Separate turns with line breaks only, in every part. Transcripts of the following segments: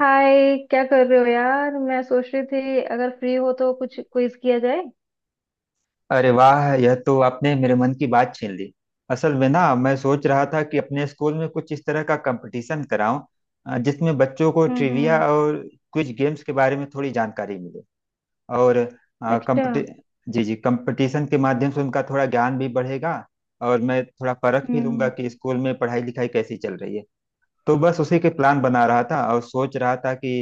हाय! क्या कर रहे हो, यार? मैं सोच रही थी अगर फ्री हो तो कुछ क्विज किया जाए।
अरे वाह, यह तो आपने मेरे मन की बात छीन ली। असल में ना, मैं सोच रहा था कि अपने स्कूल में कुछ इस तरह का कंपटीशन कराऊं जिसमें बच्चों को
हम्म।
ट्रिविया
हम्म।
और क्विज गेम्स के बारे में थोड़ी जानकारी मिले। और अ,
अच्छा।
कंपटी जी जी, कंपटीशन के माध्यम से उनका थोड़ा ज्ञान भी बढ़ेगा और मैं थोड़ा परख भी लूंगा
हम्म।
कि स्कूल में पढ़ाई लिखाई कैसी चल रही है। तो बस उसी के प्लान बना रहा था और सोच रहा था कि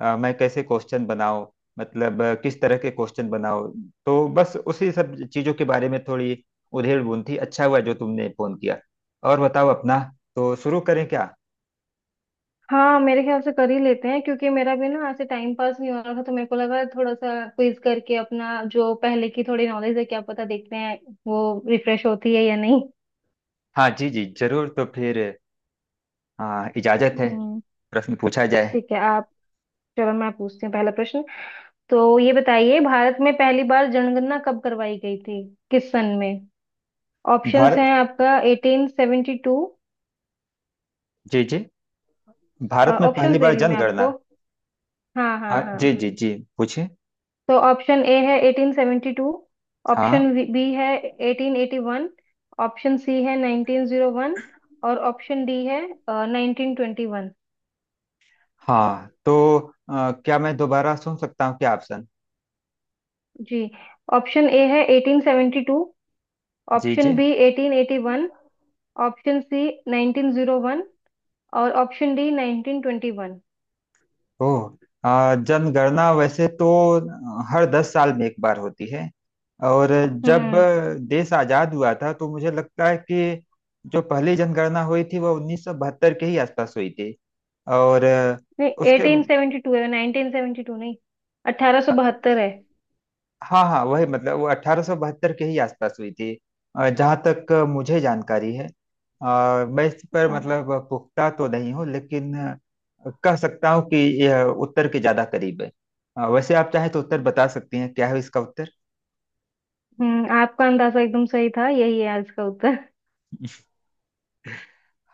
मैं कैसे क्वेश्चन बनाऊं, मतलब किस तरह के क्वेश्चन बनाऊं। तो बस उसी सब चीजों के बारे में थोड़ी उधेड़ बुन थी। अच्छा हुआ जो तुमने फोन किया। और बताओ अपना। तो शुरू करें क्या?
हाँ, मेरे ख्याल से कर ही लेते हैं क्योंकि मेरा भी ना ऐसे टाइम पास नहीं हो रहा था, तो मेरे को लगा थोड़ा सा क्विज करके अपना जो पहले की थोड़ी नॉलेज है क्या पता देखते हैं वो रिफ्रेश होती है या नहीं।
हाँ जी जी, जरूर। तो फिर हाँ, इजाजत है।
हम्म।
प्रश्न पूछा जाए।
ठीक है आप। चलो मैं पूछती हूँ पहला प्रश्न। तो ये बताइए, भारत में पहली बार जनगणना कब करवाई गई थी? किस सन में? ऑप्शंस हैं
भारत।
आपका 1872।
जी जी। भारत में पहली
ऑप्शंस दे
बार
रही हूँ मैं
जनगणना।
आपको। हाँ
हाँ
हाँ हाँ।
जी जी जी, पूछिए।
तो ऑप्शन ए है 1872, ऑप्शन
हाँ
बी है 1881, ऑप्शन सी है 1901 और ऑप्शन डी है 1921।
हाँ, तो क्या मैं दोबारा सुन सकता हूँ, क्या ऑप्शन?
जी। ऑप्शन ए है 1872,
जी
ऑप्शन
जी।
बी 1881, ऑप्शन सी 1901 और ऑप्शन डी 1921।
ओह। जनगणना वैसे तो हर 10 साल में एक बार होती है। और जब
हम्म।
देश आजाद हुआ था तो मुझे लगता है कि जो पहली जनगणना हुई थी वह 1972 के ही आसपास हुई थी। और
नहीं,
उसके।
1872 है, 1972 नहीं। 1872 है।
हाँ हाँ, वही मतलब वो 1872 के ही आसपास हुई थी। जहां तक मुझे जानकारी है, मैं इस पर
हाँ।
मतलब पुख्ता तो नहीं हूँ, लेकिन कह सकता हूँ कि यह उत्तर के ज्यादा करीब है। वैसे आप चाहे तो उत्तर बता सकती हैं, क्या है इसका उत्तर?
हम्म, आपका अंदाजा एकदम सही था, यही है आज का उत्तर।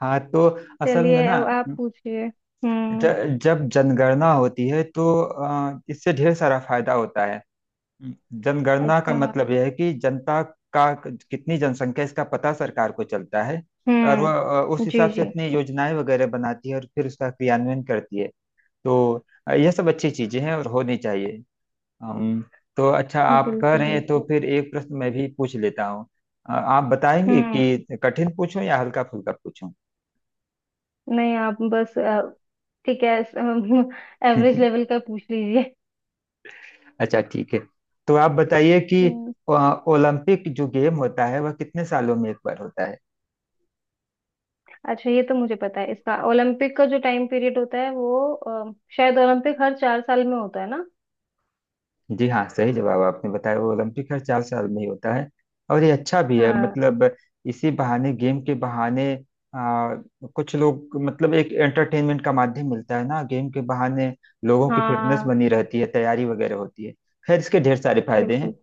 हाँ, तो असल में
चलिए
ना,
अब आप पूछिए। हम्म।
जब जनगणना होती है तो इससे ढेर सारा फायदा होता है। जनगणना का
अच्छा। हाँ।
मतलब यह है कि जनता का कितनी जनसंख्या है, इसका पता सरकार को चलता है, और वह उस
हम्म। जी
हिसाब से
जी।
अपनी योजनाएं वगैरह बनाती है और फिर उसका क्रियान्वयन करती है। तो यह सब अच्छी चीजें हैं और होनी चाहिए। अम, तो अच्छा,
बिल्कुल
आप कह रहे हैं तो
बिल्कुल।
फिर एक प्रश्न मैं भी पूछ लेता हूँ। आप बताएंगे
हम्म।
कि कठिन पूछूं या हल्का फुल्का पूछूं?
नहीं, आप बस ठीक है, एवरेज लेवल का पूछ लीजिए।
अच्छा ठीक है। तो आप बताइए कि
हम्म।
अ, ओलंपिक जो गेम होता है वह कितने सालों में एक बार होता है?
अच्छा, ये तो मुझे पता है इसका। ओलंपिक का जो टाइम पीरियड होता है वो शायद ओलंपिक हर 4 साल में होता है ना।
जी हाँ, सही जवाब आपने बताया। वो ओलंपिक हर 4 साल में ही होता है, और ये अच्छा भी है,
हाँ
मतलब इसी बहाने, गेम के बहाने, आ, कुछ लोग, मतलब एक एंटरटेनमेंट का माध्यम मिलता है ना गेम के बहाने। लोगों की फिटनेस
हाँ।
बनी रहती है, तैयारी वगैरह होती है। खैर, इसके ढेर सारे फायदे हैं।
बिल्कुल।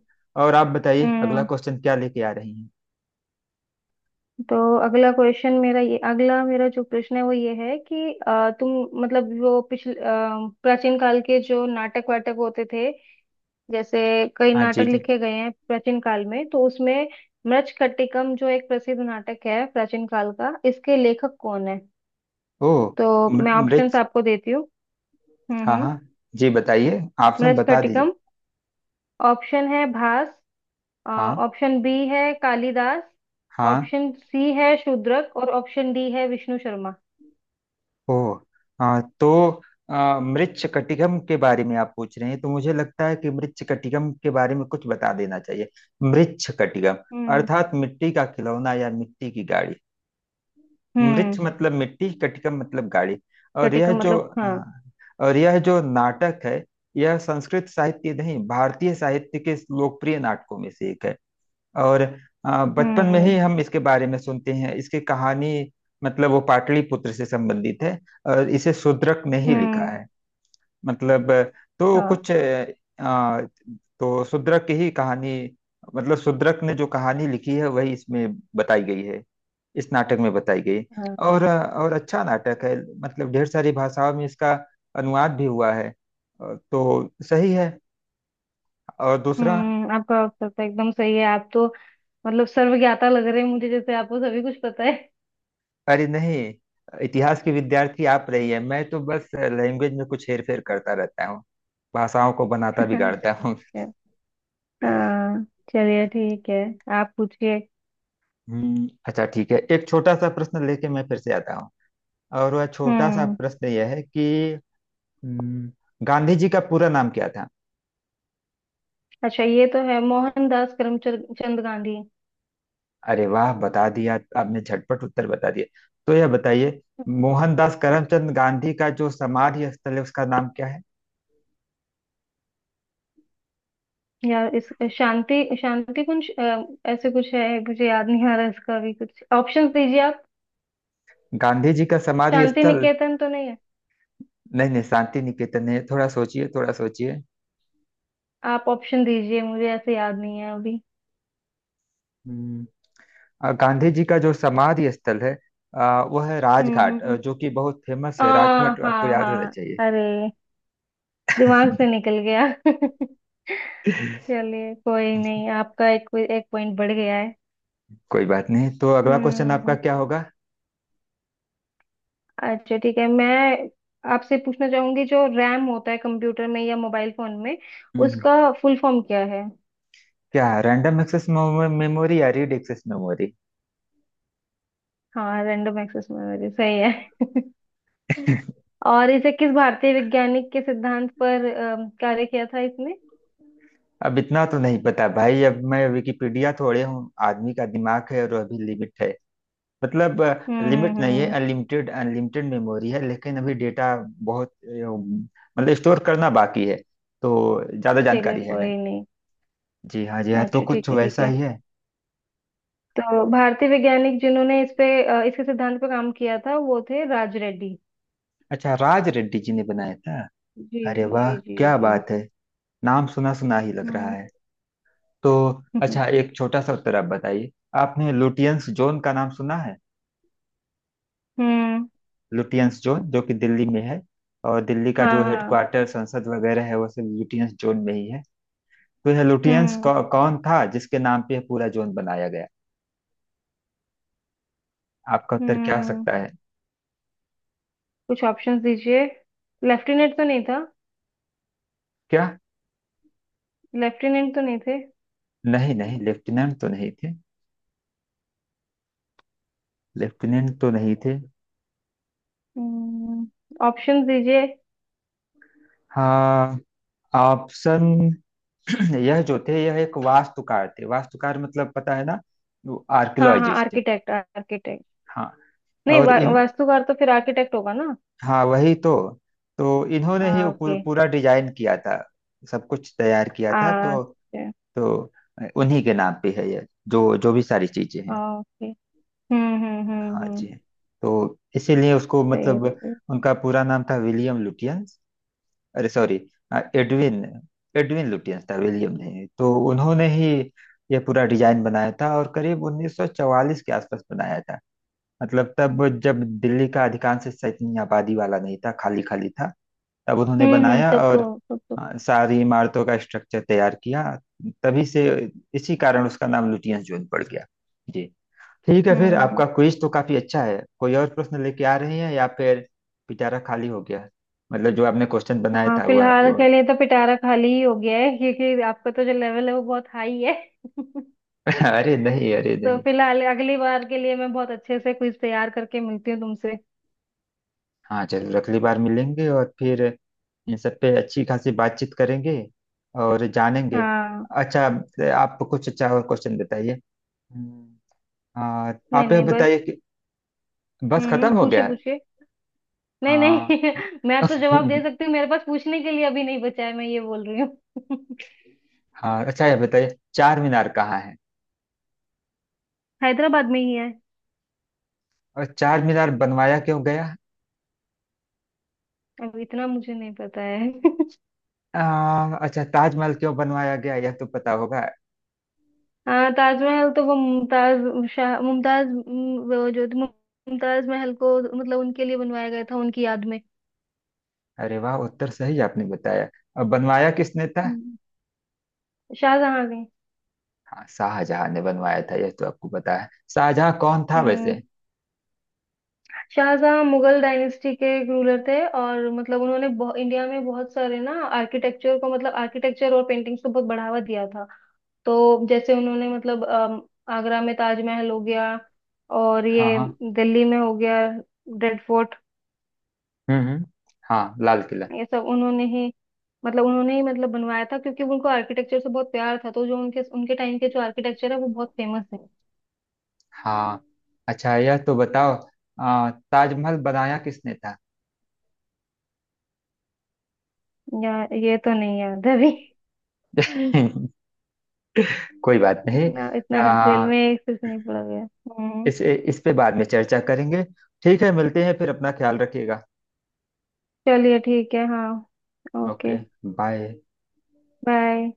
और आप बताइए अगला
हम्म।
क्वेश्चन क्या लेके आ रही हैं?
तो अगला क्वेश्चन मेरा, ये अगला मेरा जो प्रश्न है वो ये है कि तुम मतलब वो पिछले प्राचीन काल के जो नाटक वाटक होते थे, जैसे कई
हाँ
नाटक
जी जी।
लिखे गए हैं प्राचीन काल में तो उसमें मृच्छकटिकम जो एक प्रसिद्ध नाटक है प्राचीन काल का, इसके लेखक कौन है?
ओ।
तो
मृ-
मैं ऑप्शंस
मृत
आपको देती हूँ।
हाँ
हम्म।
हाँ। जी बताइए, ऑप्शन बता दीजिए।
मृच्छकटिकम ऑप्शन है भास,
हाँ
ऑप्शन बी है कालिदास,
हाँ।
ऑप्शन सी है शूद्रक और ऑप्शन डी है विष्णु शर्मा।
ओह। हाँ, तो मृच्छकटिकम के बारे में आप पूछ रहे हैं तो मुझे लगता है कि मृच्छकटिकम के बारे में कुछ बता देना चाहिए। मृच्छकटिकम
हम्म
अर्थात मिट्टी का खिलौना या मिट्टी की गाड़ी। मृच्छ
हम्म।
मतलब मिट्टी, कटिकम मतलब गाड़ी। और
चटे का
यह जो
मतलब हाँ।
अ, और यह जो नाटक है, यह संस्कृत साहित्य नहीं, भारतीय साहित्य के लोकप्रिय नाटकों में से एक है। और बचपन में ही
हम्म
हम इसके बारे में सुनते हैं, इसकी कहानी। मतलब वो पाटलिपुत्र से संबंधित है, और इसे शूद्रक ने ही लिखा
हम्म।
है। मतलब तो
हाँ
कुछ आ, तो शूद्रक की ही कहानी, मतलब शूद्रक ने जो कहानी लिखी है वही इसमें बताई गई है, इस नाटक में बताई गई।
हाँ।
और अच्छा नाटक है, मतलब ढेर सारी भाषाओं में इसका अनुवाद भी हुआ है। तो सही है। और दूसरा।
हम्म, आपका उत्तर तो एकदम सही है। आप तो मतलब सर्वज्ञाता लग रहे हैं मुझे, जैसे आपको सभी कुछ पता है।
अरे नहीं, इतिहास की विद्यार्थी आप रही है, मैं तो बस लैंग्वेज में कुछ हेर फेर करता रहता हूँ, भाषाओं को बनाता बिगाड़ता हूँ।
हाँ। चलिए, ठीक है। आप पूछिए।
अच्छा ठीक है, एक छोटा सा प्रश्न लेके मैं फिर से आता हूँ, और वह छोटा सा
हम्म।
प्रश्न यह है कि हम्म, गांधी जी का पूरा नाम क्या था?
अच्छा, ये तो है मोहनदास करमचंद चंद गांधी।
अरे वाह, बता दिया! आपने झटपट उत्तर बता दिया। तो यह बताइए, मोहनदास करमचंद गांधी का जो समाधि स्थल है उसका नाम क्या है?
या इस शांति शांति कुंज ऐसे कुछ है, मुझे याद नहीं आ रहा, इसका भी कुछ ऑप्शन दीजिए आप।
गांधी जी का समाधि
शांति
स्थल।
निकेतन तो नहीं है?
नहीं नहीं, शांति निकेतन है, थोड़ा सोचिए, थोड़ा सोचिए।
आप ऑप्शन दीजिए, मुझे ऐसे याद नहीं है अभी।
गांधी जी का जो समाधि स्थल है, वो है राजघाट,
हम्म।
जो कि बहुत फेमस
आ,
है, राजघाट आपको
हाँ
याद होना
हाँ।
चाहिए।
अरे, दिमाग से निकल गया। चलिए कोई नहीं, आपका एक एक पॉइंट बढ़ गया है।
कोई बात नहीं, तो अगला क्वेश्चन आपका
हम्म।
क्या होगा?
अच्छा ठीक है, मैं आपसे पूछना चाहूंगी जो रैम होता है कंप्यूटर में या मोबाइल फोन में
हम्म,
उसका फुल फॉर्म क्या है?
क्या रैंडम एक्सेस मेमोरी या रीड एक्सेस मेमोरी?
हाँ, रैंडम एक्सेस मेमोरी सही है। और इसे किस भारतीय वैज्ञानिक के सिद्धांत पर कार्य किया था इसने?
अब इतना तो नहीं पता भाई, अब मैं विकिपीडिया थोड़े हूँ, आदमी का दिमाग है और अभी लिमिट है। मतलब लिमिट नहीं है,
हम्म।
अनलिमिटेड अनलिमिटेड मेमोरी है, लेकिन अभी डेटा बहुत मतलब स्टोर करना बाकी है, तो ज्यादा
चलिए
जानकारी है।
कोई नहीं।
जी हाँ जी हाँ, तो
अच्छा ठीक
कुछ
है, ठीक
वैसा
है।
ही है।
तो भारतीय वैज्ञानिक जिन्होंने इस पे इसके सिद्धांत पे काम किया था वो थे राज रेड्डी।
अच्छा, राज रेड्डी जी ने बनाया था।
जी
अरे वाह,
जी जी
क्या
जी।
बात है! नाम सुना सुना ही लग रहा
हम्म।
है। तो अच्छा, एक छोटा सा उत्तर आप बताइए। आपने लुटियंस जोन का नाम सुना है?
हम्म।
लुटियंस जोन जो कि दिल्ली में है, और दिल्ली का
हाँ
जो
हाँ।
हेडक्वार्टर, संसद वगैरह है, वो सब लुटियंस जोन में ही है। तो यह लुटियंस
हम्म
कौन था जिसके नाम पे यह पूरा जोन बनाया गया? आपका उत्तर क्या हो
हम्म।
सकता है?
कुछ ऑप्शंस दीजिए। लेफ्टिनेंट तो नहीं था?
क्या?
लेफ्टिनेंट तो नहीं थे?
नहीं नहीं, लेफ्टिनेंट तो नहीं थे, लेफ्टिनेंट तो नहीं थे।
हम्म। ऑप्शंस दीजिए।
हाँ, ऑप्शन। यह जो थे, यह एक वास्तुकार थे। वास्तुकार मतलब पता है ना,
हाँ हाँ,
आर्कियोलॉजिस्ट।
Architect architect.
हाँ,
नहीं,
और इन
वास्तुकार तो फिर आर्किटेक्ट होगा ना।
हाँ वही तो इन्होंने ही
हाँ
वो पूर,
ओके।
पूरा डिजाइन किया था, सब कुछ तैयार किया था।
अच्छा।
तो उन्हीं के नाम पे है यह, जो जो भी सारी चीजें हैं।
ओके।
हाँ
हम्म।
जी, तो इसीलिए उसको,
सही है
मतलब
सही है।
उनका पूरा नाम था विलियम लुटियंस। अरे सॉरी, एडविन, एडविन लुटियंस था, विलियम नहीं। तो उन्होंने ही ये पूरा डिजाइन बनाया था और करीब 1944 के आसपास बनाया था। मतलब तब, जब दिल्ली का अधिकांश हिस्सा इतनी आबादी वाला नहीं था, खाली खाली था, तब उन्होंने
हम्म।
बनाया
तब तो
और
तब तो
सारी इमारतों का स्ट्रक्चर तैयार किया। तभी से, इसी कारण उसका नाम लुटियंस जोन पड़ गया। जी, ठीक है। फिर
हम्म।
आपका क्विज तो काफी अच्छा है। कोई और प्रश्न लेके आ रहे हैं या फिर पिटारा खाली हो गया? मतलब जो आपने क्वेश्चन बनाया
हाँ,
था
फिलहाल के लिए तो पिटारा खाली ही हो गया है क्योंकि आपका तो जो लेवल है वो बहुत हाई है।
अरे नहीं, अरे
तो
नहीं।
फिलहाल अगली बार के लिए मैं बहुत अच्छे से क्विज तैयार करके मिलती हूँ तुमसे।
हाँ चलो, अगली बार मिलेंगे और फिर इन सब पे अच्छी खासी बातचीत करेंगे और जानेंगे।
हाँ।
अच्छा, आप कुछ अच्छा और क्वेश्चन बताइए। हम्म, आ,
नहीं
आप यह
नहीं, बस।
बताइए कि बस खत्म हो
पूछिए
गया है?
पूछिए। नहीं
हाँ।
नहीं। मैं तो जवाब दे सकती हूँ, मेरे पास पूछने के लिए अभी नहीं बचा है, मैं ये बोल रही हूँ।
हाँ, अच्छा यह बताइए, चार मीनार कहाँ है?
हैदराबाद में ही है।
और चार मीनार बनवाया क्यों गया?
अब इतना मुझे नहीं पता है।
अच्छा, ताजमहल क्यों बनवाया गया यह तो पता होगा।
हाँ, ताजमहल तो वो मुमताज, शाह मुमताज वो जो थी, मुमताज महल को, मतलब उनके लिए बनवाया गया था उनकी याद में।
अरे वाह, उत्तर सही आपने बताया। अब बनवाया किसने था?
हम्म। शाहजहां ने।
हाँ, शाहजहां ने बनवाया था यह तो आपको पता है। शाहजहां कौन था
हम्म,
वैसे?
शाहजहां मुगल डायनेस्टी के एक रूलर थे और मतलब उन्होंने इंडिया में बहुत सारे ना आर्किटेक्चर को, मतलब आर्किटेक्चर और पेंटिंग्स को बहुत बढ़ावा दिया था। तो जैसे उन्होंने मतलब आगरा में ताजमहल हो गया, और
हाँ
ये
हाँ।
दिल्ली में हो गया रेड फोर्ट,
हम्म। हाँ, लाल किला।
ये सब उन्होंने ही, मतलब उन्होंने ही मतलब बनवाया था क्योंकि उनको आर्किटेक्चर से बहुत प्यार था। तो जो उनके उनके टाइम के जो आर्किटेक्चर है वो बहुत फेमस है।
हाँ, अच्छा यह तो बताओ, ताजमहल बनाया किसने था?
या, ये तो नहीं याद है अभी।
कोई बात नहीं।
इतना इतना डिटेल
आ,
में एक से नहीं पड़ा गया। हम्म।
इस पे बाद में चर्चा करेंगे। ठीक है, मिलते हैं फिर। अपना ख्याल रखिएगा।
चलिए ठीक है, हाँ ओके।
ओके। बाय।
बाय।